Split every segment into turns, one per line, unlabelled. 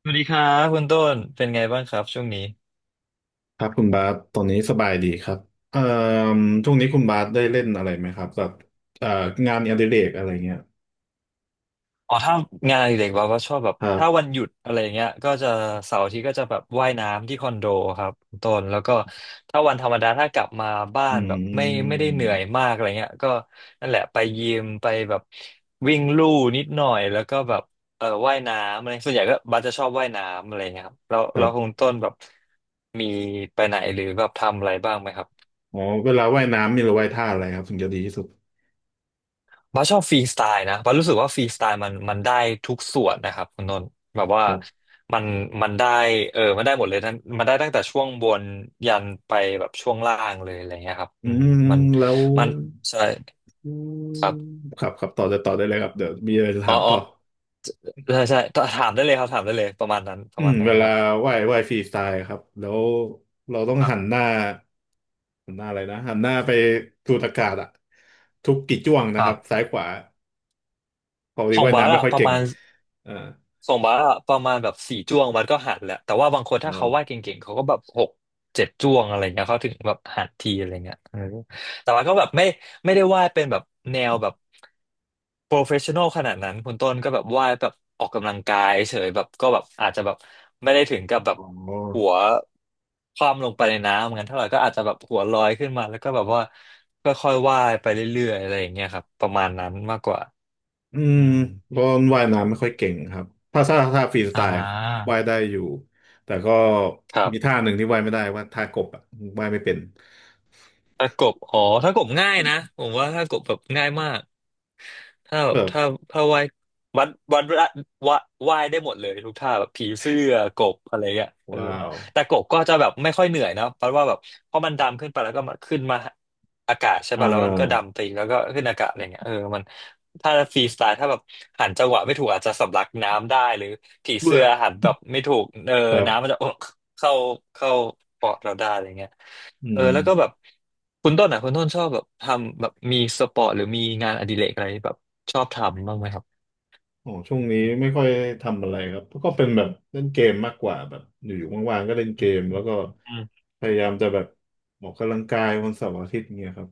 สวัสดีครับคุณต้นเป็นไงบ้างครับช่วงนี้
ครับคุณบาสตอนนี้สบายดีครับเอ่อช่วงนี้คุณบาสได้เล่นอะไรไหมครับแบบเอ่องานอดิเรกอะไรเงี้ย
อ๋อถ้างานอดิเด็กว่าก็ชอบแบบ
ครั
ถ้า
บ
วันหยุดอะไร่าเงี้ยก็จะเสาร์อาทิตย์ก็จะแบบว่ายน้ำที่คอนโดครับคุณต้นแล้วก็ถ้าวันธรรมดาถ้ากลับมาบ้า
อื
นแบบไม่ได้เหนื่อย
ม
มากอะไรเงี้ยก็นั่นแหละไปยิมไปแบบวิ่งลู่นิดหน่อยแล้วก็แบบเออว่ายน้ำอะไรส่วนใหญ่ก็บัสจะชอบว่ายน้ำอะไรเงี้ยครับแล้ว
ครั
แล้วคุ
บ
ณต้นแบบมีไปไหนหรือแบบทำอะไรบ้างไหมครับ
อ๋อเวลาว่ายน้ำมีหรือว่ายท่าอะไรครับถึงจะดีที่สุด
บ้าสชอบฟรีสไตล์นะบ้าสรู้สึกว่าฟรีสไตล์มันได้ทุกส่วนนะครับคุณนนท์แบบว่า
ครับ
มันมันได้เออมันได้หมดเลยทั้งมันได้ตั้งแต่ช่วงบนยันไปแบบช่วงล่างเลยอะไรเงี้ยครับ
อื
อืม
ม
มัน
แล้ว
มันใช่
อื
ค
ม
รับ
ครับครับต่อได้ต่อได้เลยครับเดี๋ยวมีอะไรจะ
อ๋
ถา
อ
ม
อ๋อ
ต่อ
ใช่ถามได้เลยครับถามได้เลยประมาณนั้นป
อื
ระ
ม
มาณนั้
เว
นค
ลา
รับ
ว่ายฟรีสไตล์ครับแล้วเราต้อง
ครั
หัน
บ
หน้าหันหน้าอะไรนะหันหน้าไปสูดอากาศอะทุกกี่จ้วง
ค
นะค
รั
รั
บ
บซ้ายขวา ปกติ
ของ
ว่าย
บา
น้ำ
ร์
ไม่
อะ
ค่อย
ประ
เก่ง
มาณ
อ่า
ส่งบาสอะประมาณแบบสี่จ้วงมันก็หันแหละแต่ว่าบางคน
อ๋อ
ถ้าเขาวาดเก่งๆเขาก็แบบหกเจ็ดจ้วงอะไรเงี้ยเขาถึงแบบหันทีอะไรเงี้ยเออแต่ว่าก็แบบไม่ได้วาดเป็นแบบแนวแบบโปรเฟชชั่นอลขนาดนั้นคุณต้นก็แบบวาดแบบออกกำลังกายเฉยแบบก็แบบอาจจะแบบไม่ได้ถึงกับแบบ
อ๋อ
หัวคว่ำลงไปในน้ำงั้นเท่าไหร่ก็อาจจะแบบหัวลอยขึ้นมาแล้วก็แบบว่าค่อยๆวาดไปเรื่อยๆอะไรอย่างเงี้ยครับประมาณนั้นมากกว่า
อืม
อืม
บอลว่ายน้ำไม่ค่อยเก่งครับถ้าฟรีส
อ่
ไตล์
า
ว่ายได้อยู่แต่ก็
ครั
มี
บ
ท่าหนึ่งที่ว่ายไม่ได้ว่าท่ากบอ่ะว่ายไม่เป็น
ถ้ากบอ๋อถ้ากบง่ายนะผมว่าถ้ากบแบบง่ายมากถ้าแบ
แบ
บ
บ
ถ้าว่ายวัดวัดวดว่าว่ายได้หมดเลยทุกท่าแบบผีเสื้อกบอะไรเงี้ยเออ
ว้าว
แต่กบก็จะแบบไม่ค่อยเหนื่อยนะเพราะว่าแบบเพราะมันดำขึ้นไปแล้วก็มาขึ้นมาอากาศใช่
อ่
ป่ะแล้วมันก็
า
ดำไปอีกแล้วก็ขึ้นอากาศอะไรเงี้ยเออมันถ้าฟรีสไตล์ถ้าแบบหันจังหวะไม่ถูกอาจจะสำลักน้ำได้หรือผี
เบื่
เสื้
อ
อหันแบบไม่ถูกเออ
ครั
น้ำมัน
บ
จะ เข้าเข้าปอดเราได้อะไรเงี้ย
อื
เออ
ม
แล้วก็แบบคุณต้นชอบแบบทำแบบมีสปอร์ตหรือมีงานอดิเรกอะไรแบบชอบทำบ้างไหมครับ
อ๋อช่วงนี้ไม่ค่อยทำอะไรครับก็เป็นแบบเล่นเกมมากกว่าแบบอยู่ๆว่างๆก็เล่นเกมแล้วก็
อืม
พยายามจะแบบออกกำลังกายวันเสาร์อาทิตย์เงี้ยครับ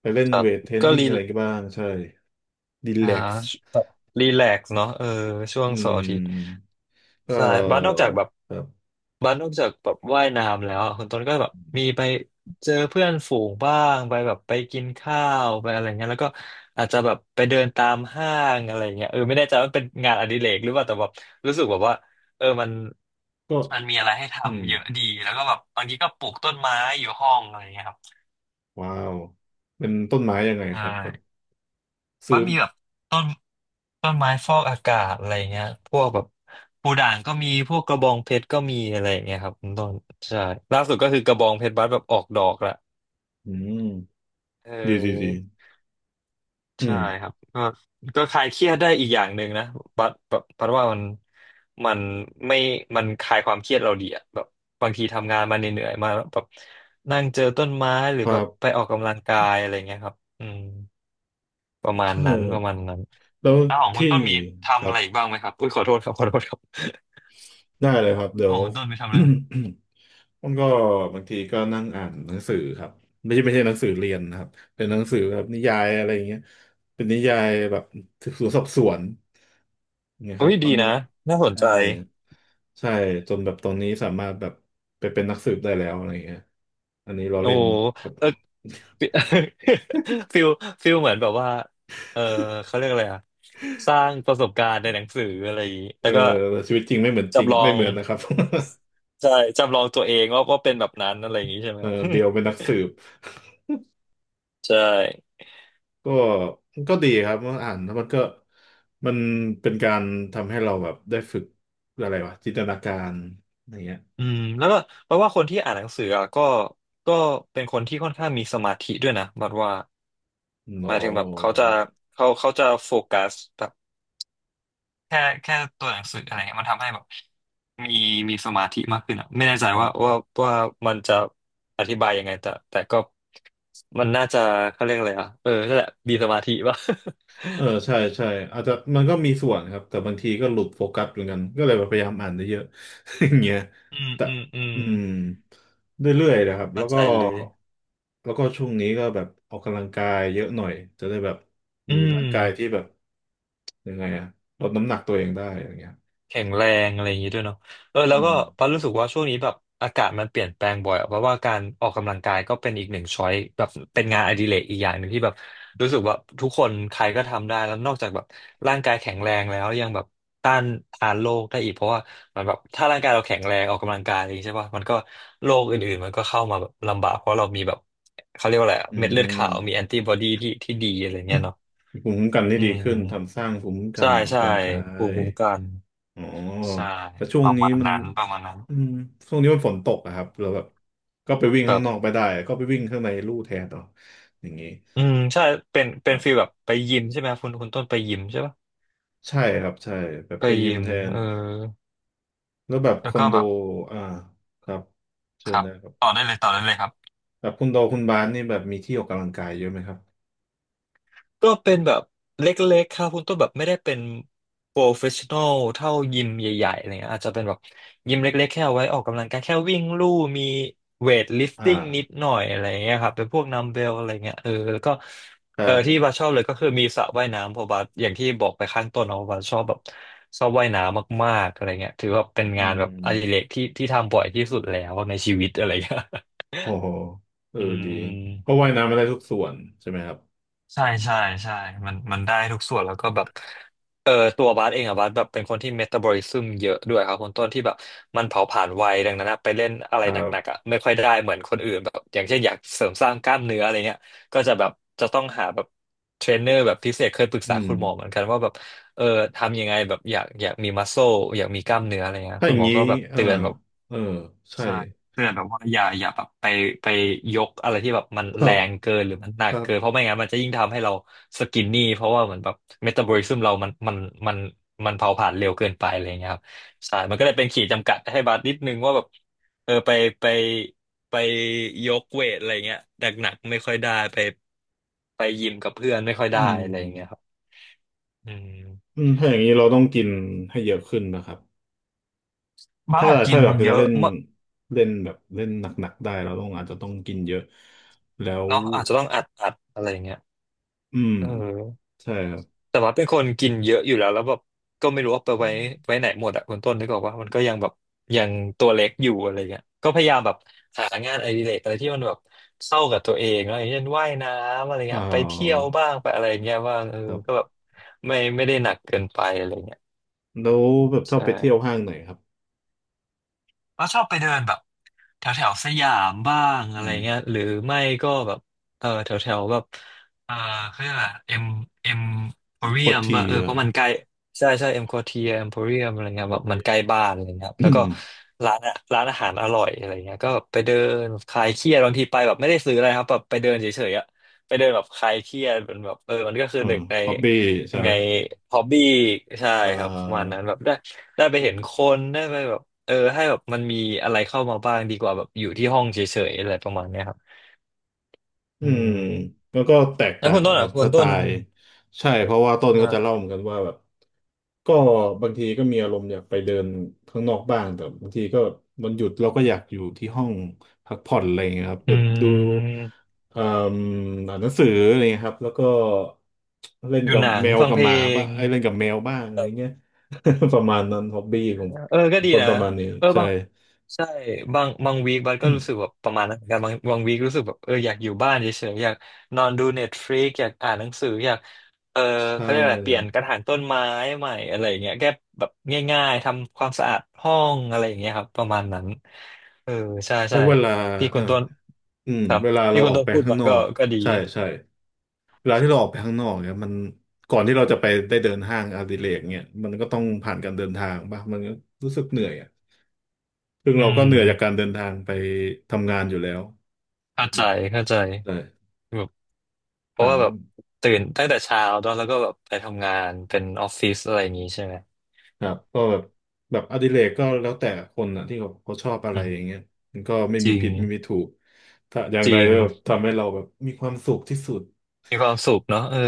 ไปเล่น
ครับ
เวทเทรน
ก็
นิ่ง
รี
อะไรกันบ้างใช่ดี
อ่า
แลกซ์
แบบรีแลกซ์เนาะเออช่วง
อื
เสาร์อาทิตย์
มก็
ใช่บ้านนอกจากแบบ
แบบ
บ้านนอกจากแบบว่ายน้ำแล้วอะคุณต้นก็แบบมีไปเจอเพื่อนฝูงบ้างไปแบบไปกินข้าวไปอะไรเงี้ยแล้วก็อาจจะแบบไปเดินตามห้างอะไรเงี้ยเออไม่แน่ใจว่าเป็นงานอดิเรกหรือเปล่าแต่แบบรู้สึกแบบว่าเออมัน
ก็
มันมีอะไรให้
อืม
ทำเยอะดีแล้วก็แบบบางทีก็ปลูกต้นไม้อยู่ห้องอะไรเงี้ยครับ
ว้าวเป็นต้นไม้ยังไง
ใช่
ครับแบบซื้
ว่า
อ
มีแบบต้น ต้นไม้ฟอกอากาศอะไรเงี้ยพวกแบบปูด่างก็มีพวกกระบองเพชรก็มีอะไรเงี้ยครับคุณต้นใช่ล่าสุดก็คือกระบองเพชรบัดแบบออกดอกละ
อืม
เ
ดีดีดี
ออ
อื
ใช่
ม
ครับก็คลายเครียดได้อีกอย่างหนึ่งนะบัดแบบบัดว่ามันมันไม่มันคลายความเครียดเราดีอะแบบบางทีทำงานมาเหนื่อยๆมาแล้วแบบนั่งเจอต้นไม้หรื
ค
อ
รั
แบบ
บ
ไปออกกำลังกายอะไรเงี้ยครับอืมประมาณ
ใช่
นั้นประมาณนั้น
แล้ว
อ้าวของคุณ
ที่
ต้นมี
ค
ทำ
รั
อะ
บ
ไรอีกบ้างไหมครับอุ้ยขอโทษครับขอโทษครับ
ได้เลยครับเดี๋
ข
ยว
องคุณต้นไปทำอะไรไหม
มันก็บางทีก็นั่งอ่านหนังสือครับไม่ใช่ไม่ใช่หนังสือเรียนนะครับเป็นหนังสือแบบนิยายอะไรอย่างเงี้ยเป็นนิยายแบบสืบสวนสอบสวนอย่เงี้ยค
อุ้
รับ
ยดี
มัน
นะน่าสน
ใช่
ใจ
ใช่จนแบบตอนนี้สามารถแบบไปเป็นนักสืบได้แล้วอะไรอย่างเงี้ยอันนี้เรา
โอ้
เล่นครับ
เออฟิ ฟิลฟิลเหมือนแบบว่าเออเขาเรียกอะไรอะสร้างประสบการณ์ในหนังสืออะไรอย่างนี้
เอ
แล้
อ
วก็
ชีวิตจริงไม่เหมือนจริง
จำลอ
ไม่
ง
เหมือนนะครับ
ใช่จำลองตัวเองว่าเป็นแบบนั้นอะไรอย่างนี้ใช่ไหม
เอ
ค
อ
รับ
เบลเป็นนักสืบ
ใช่
ก็ก็ดีครับเมื่ออ่านแล้วมันก็มันเป็นการทำให้เราแบบได้ฝึกอะไรวะจินตนาการอะไรเงี้ย
อืมแล้วก็เพราะว่าคนที่อ่านหนังสืออะก็เป็นคนที่ค่อนข้างมีสมาธิด้วยนะบัดว่า
หร
ห
อ
มายถึงแบบเขาจะเขาจะโฟกัสแบบ แค่แค่ตัวหนังสืออะไรเงี้ยมันทำให้แบบมีมีสมาธิมากขึ้นอ่ะไม่แน่ใจ
ครั
ว่า
บ
ว่ามันจะอธิบายยังไงแต่แต่ก็มันน่าจะเขาเรียกอะไรอ่ะเออนั่นแหละมีสมาธิป่ะ
เออใช่ใช่อาจจะมันก็มีส่วนครับแต่บางทีก็หลุดโฟกัสเหมือนกันก็เลยพยายามอ่านเยอะ ๆอย่างเงี้ย
อืม
แต่
อืมอืม
อืมเรื่อยๆนะครับแล้
เข้า
ว
ใจ
ก็
เลย
แล้วก็ช่วงนี้ก็แบบออกกำลังกายเยอะหน่อยจะได้แบบ
อื
มีร่างกายที่
ม
แบบยังไงอะลดน้ำหนักตัวเองได้อย่างเงี้ย
แข็งแรงอะไรอย่างนี้ด้วยเนาะเออแล้
อื
วก็
ม
ปารู้สึกว่าช่วงนี้แบบอากาศมันเปลี่ยนแปลงบ่อยอะเพราะว่าการออกกำลังกายก็เป็นอีกหนึ่งช้อยแบบเป็นงานอดิเรกอีกอย่างหนึ่งที่แบบรู้สึกว่าทุกคนใครก็ทำได้แล้วนอกจากแบบร่างกายแข็งแรงแล้วยังแบบต้านทานโรคได้อีกเพราะว่ามันแบบถ้าร่างกายเราแข็งแรงออกกำลังกายอะไรอย่างนี้ใช่ป่ะมันก็โรคอื่นๆมันก็เข้ามาแบบลำบากเพราะเรามีแบบเขาเรียกว่าอะไรอะ
อื
เม็ดเลือด
ม
ขาวมีแอนติบอดีที่ดีอะไรเงี้ยเนาะ
ภูมิคุ้มกันที่
อื
ดีขึ้น
ม
ทำสร้างภูมิคุ้มกั
ใช่
นออก
ใช่
กำลังกา
ภูมิ
ย
คุ้มกัน
อ๋อ
ใช่
แต่ช่ว
ป
ง
ระ
นี้
มาณ
มัน
นั้นประมาณนั้น
อืมช่วงนี้มันฝนตกอะครับเราแบบก็ไปวิ่ง
แบ
ข้าง
บ
นอกไปได้ก็ไปวิ่งข้างในลู่แทนเอาอย่างนี้
อืมใช่เป็น
ค
เป็น
รั
ฟีล
บ
แบบไปยิมใช่ไหมคุณต้นไปยิมใช่ปะ
ใช่ครับใช่แบบ
ไป
ไปยิ
ยิ
ม
ม
แทน
เออ
แล้วแบบค
แล้ว
อ
ก็
นโด
แบบ
อ่าครับ
ค
เชิญ
รับ
นะครั
ต่อ
บ
ได้เลยต่อได้เลยครับ
แบบคุณโดคุณบาสนี่แบบมีที่ออกกำลังกายเยอะไหมครับ
ก็เป็นแบบเล็กๆครับคุณต้นแบบไม่ได้เป็นโปรเฟชชั่นอลเท่ายิมใหญ่ๆอะไรเงี้ยอาจจะเป็นแบบยิมเล็กๆแค่เอาไว้ออกกำลังกายแค่วิ่งลู่มีเวทลิฟ
อ่า
ติ้งนิดหน่อยอะไรเงี้ยครับเป็นพวกนัมเบลอะไรเงี้ยเออแล้วก็
ครั
เออที่
บ
บาสชอบเลยก็คือมีสระว่ายน้ำเพราะบาสอย่างที่บอกไปข้างต้นเนาะบาสชอบแบบชอบว่ายน้ำมากๆอะไรเงี้ยถือว่าเป็น
อื
งานแบบอดิเร
ม
กที่ทำบ่อยที่สุดแล้วในชีวิตอะไรเงี้ย
โอ้โหเออ
อื
ดีเพราะ
ม
ว่ายน้ำไม่ได้ทุกส่วนใช่ไหมครับ
ใช่ใช่ใช่มันได้ทุกส่วนแล้วก็แบบเออตัวบาสเองอะบาสแบบเป็นคนที่เมตาบอลิซึมเยอะด้วยครับคนต้นที่แบบมันเผาผลาญไวดังนั้นอะไปเล่นอะ
ค
ไร
รั
หนักๆ
บ
อะไม่ค่อยได้เหมือนคนอื่นแบบอย่างเช่นอยากเสริมสร้างกล้ามเนื้ออะไรเงี้ยก็จะแบบจะต้องหาแบบเทรนเนอร์แบบพิเศษเคยปรึก
อื
ษา
ม
คุณหมอเหมือนกันว่าแบบเออทำยังไงแบบอยากมีมัสโซอยากมีกล้ามเนื้ออะไรเงี้ย
ถ้าอ
คุณ
ย่า
ห
ง
มอ
นี้
ก็แบบ
อ่า
เตือนแบบ
เออใช่
ใช่เตือนแบบว่าอย่าแบบไปยกอะไรที่แบบมัน
เอ
แรง
อ
เกินหรือมันหนั
ค
ก
รั
เกิน
บ
เพราะไม่งั้นมันจะยิ่งทำให้เราสกินนี่เพราะว่าเหมือนแบบเมตาบอลิซึมเรามันมันเผาผลาญเร็วเกินไปอะไรอย่างเงี้ยครับใช่มันก็เลยเป็นขีดจำกัดให้บาสนิดนึงว่าแบบเออไปไปยกเวทอะไรเงี้ยหนักไม่ค่อยได้ไปยิมกับเพื่อนไม่ค่อย
อื
ได้อะไรอย่างเงี้ยครับ
ม
อืม
อืมถ้าอย่างนี้เราต้องกินให้เยอะขึ้นนะครับ
บ้า
ถ้า
สกิ
ถ้า
น
อยาก
เย
จะเล่
อะ
น
มาก
เล่นแบบเล่นหนักๆได้เราต้องอาจจะต้องกินเยอะ แล้ว
เนาะอาจจะต้องอัดอะไรอย่างเงี้ย
อืม
เออ
ใช่ครับ
แต่ว่าเป็นคนกินเยอะอยู่แล้วแล้วแบบก็ไม่รู้ว่าไปไว้ไหนหมดอะคุณต้นนึกออกว่ามันก็ยังแบบยังตัวเล็กอยู่อะไรเงี้ยก็พยายามแบบหางานอดิเรกอะไรที่มันแบบเข้ากับตัวเองอะไรอย่างเช่นว่ายน้ำอะไร
อ่
เงี้ยไปเที่ยว
า
บ้างไปอะไรเงี้ยว่างเออก็แบบไม่ได้หนักเกินไปอะไรเงี้ย
แล้วแบบช
ใ
อบไปเที่ยว
ช่
ห้างไหนครับ
ก็ชอบไปเดินแบบแถวแถวสยามบ้าง
อื
อะไร
ม
เงี้ยหรือไม่ก็แบบเออแถวแถวแบบเออเขาเรียกอะไรเอ็มโพเรี
โค
ย
ตร
ม
ที
ป่ะเออ
เออ
เพราะมันใกล้ใช่ใช่เอ็มโคเทียเอ็มโพเรียมอะไรเงี้ย
ฮ
แบ
อบ
บ
บี้
มันใกล้บ้านอะไรเงี้ยครับ
อื
แล้วก็
ม
ร้านอะร้านอาหารอร่อยอะไรเงี้ยก็แบบไปเดินคลายเครียดบางทีไปแบบไม่ได้ซื้ออะไรครับแบบไปเดินเฉยๆอะไปเดินแบบคลายเครียดมันแบบเออมันก็คือ
เออ
หนึ่งใน
ฮอบบี้ใช่
ยัง
ไหม
ไงฮอบบี้ใช่
อ่
ครับประมาณนั้น
า
แบบได้ไปเห็นคนได้ไปแบบเออให้แบบมันมีอะไรเข้ามาบ้างดีกว่าแบบอยู่ที่ห้องเฉยๆอะไรประมาณเนี้ยครับ
อื
อื
ม
ม
แล้วก็แตก
แล้ว
ต่า
คุณ
ง
ต้น
ครั
อ่ะ
บ
คุ
ส
ณ
ไต
ต้น
ล์ใช่เพราะว่าต้นก็จะเล่า
อ่า
เหมือนกันว่าแบบก็บางทีก็มีอารมณ์อยากไปเดินข้างนอกบ้างแต่บางทีก็วันหยุดเราก็อยากอยู่ที่ห้องพักผ่อนอะไรอย่างเงี้ยครับ
อื
แบบดู
ม
เอ่มอ่านหนังสืออะไรอย่างเงี้ยครับแล้วก็เล่น
อยู่
กับ
หนัง
แมว
ฟัง
กับ
เพ
ห
ล
มาบ้า
ง
งไอ้ยเล่นกับแมวบ้างอะไรเงี้ย ประมาณนั้นฮ็อบบี้ของ
เออก็ดี
ต้น
นะ
ประมาณนี้
เออ
ใช่
บางใช่บางวีคบัสก็รู้สึกแบบประมาณนั้นเหมือนกันบางวีครู้สึกแบบเอออยากอยู่บ้านเฉยๆอยากนอนดูเน็ตฟลิก อยากอ่านหนังสืออยากเออ
ใช่
เขาเรียกอะไรเปลี่ยนกระถางต้นไม้ใหม่อะไรอย่างเงี้ยแก้แบบง่ายๆ ทำความสะอาดห้องอะไรอย่างเงี้ยครับ ประมาณนั้น เออ ใช่
เพ
ใช่
ราะเวลา
ที่
เอ
คุ
อ
ณต้น
อืม
ครับ
เวลา
ที่
เรา
คุ
อ
ณ
อก
ต้น
ไป
พูด
ข้าง
มา
นอ
ก็
กอะ
ก็ดี
ใช่ใช่เวลาที่เราออกไปข้างนอกเนี่ยมันก่อนที่เราจะไปได้เดินห้างอดิเรกเนี่ยมันก็ต้องผ่านการเดินทางป่ะมันก็รู้สึกเหนื่อยอ่ะซึ่ง
อื
เราก็
ม
เหนื่อยจากการเดินทางไปทำงานอยู่แล้ว
เข้าใจเข้าใจ
ใช่
เพราะ
หา
ว่าแบบตื่นตั้งแต่เช้าเนอะแล้วก็แบบไปทำงานเป็นออฟฟิศอะไรอย่างงี้ใช่ไหม
ครับก็แบบแบบอดิเรกก็แล้วแต่คนอ่ะที่เขาชอบอะไร
อื
อย่าง
ม
เงี้ยมันก็ไม่
จ
มี
ริง
ผิดไม่มีถูกถ้าอย่าง
จ
ใด
ริง
ก็ทำให้เราแบบมีความสุขที่สุด
มีความสุขเนาะเออ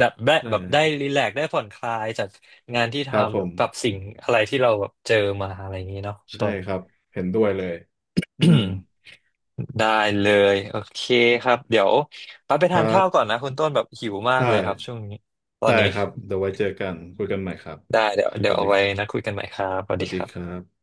ดับได้
ใช่
แบบได้รีแลกซ์ได้ผ่อนคลายจากงานที่
ครับ
ทำ
ผ
หรือ
ม
แบบสิ่งอะไรที่เราแบบเจอมาอะไรอย่างงี้เนาะ
ใช่
ต้น
ครับเห็นด้วยเลยอืม
ได้เลยโอเคครับเดี๋ยวปั๊บไป
ค
ทา
รั
นข้าวก่อน
บ
นะคุณต้นแบบหิวมาก
ได้
เลยครับช่วงนี้ตอน
ได้
นี้
ครับเดี๋ยวไว้เจอกัน คุยกันใหม่ครับ
ได้เดี๋ยว
ส
เดี๋ยว
วัสดี
เอา
ค
ไว้
รั
นะ
บ
คุยกันใหม่ครับส
ส
วัส
วั
ดี
สดี
ครั
ครั
บ
บ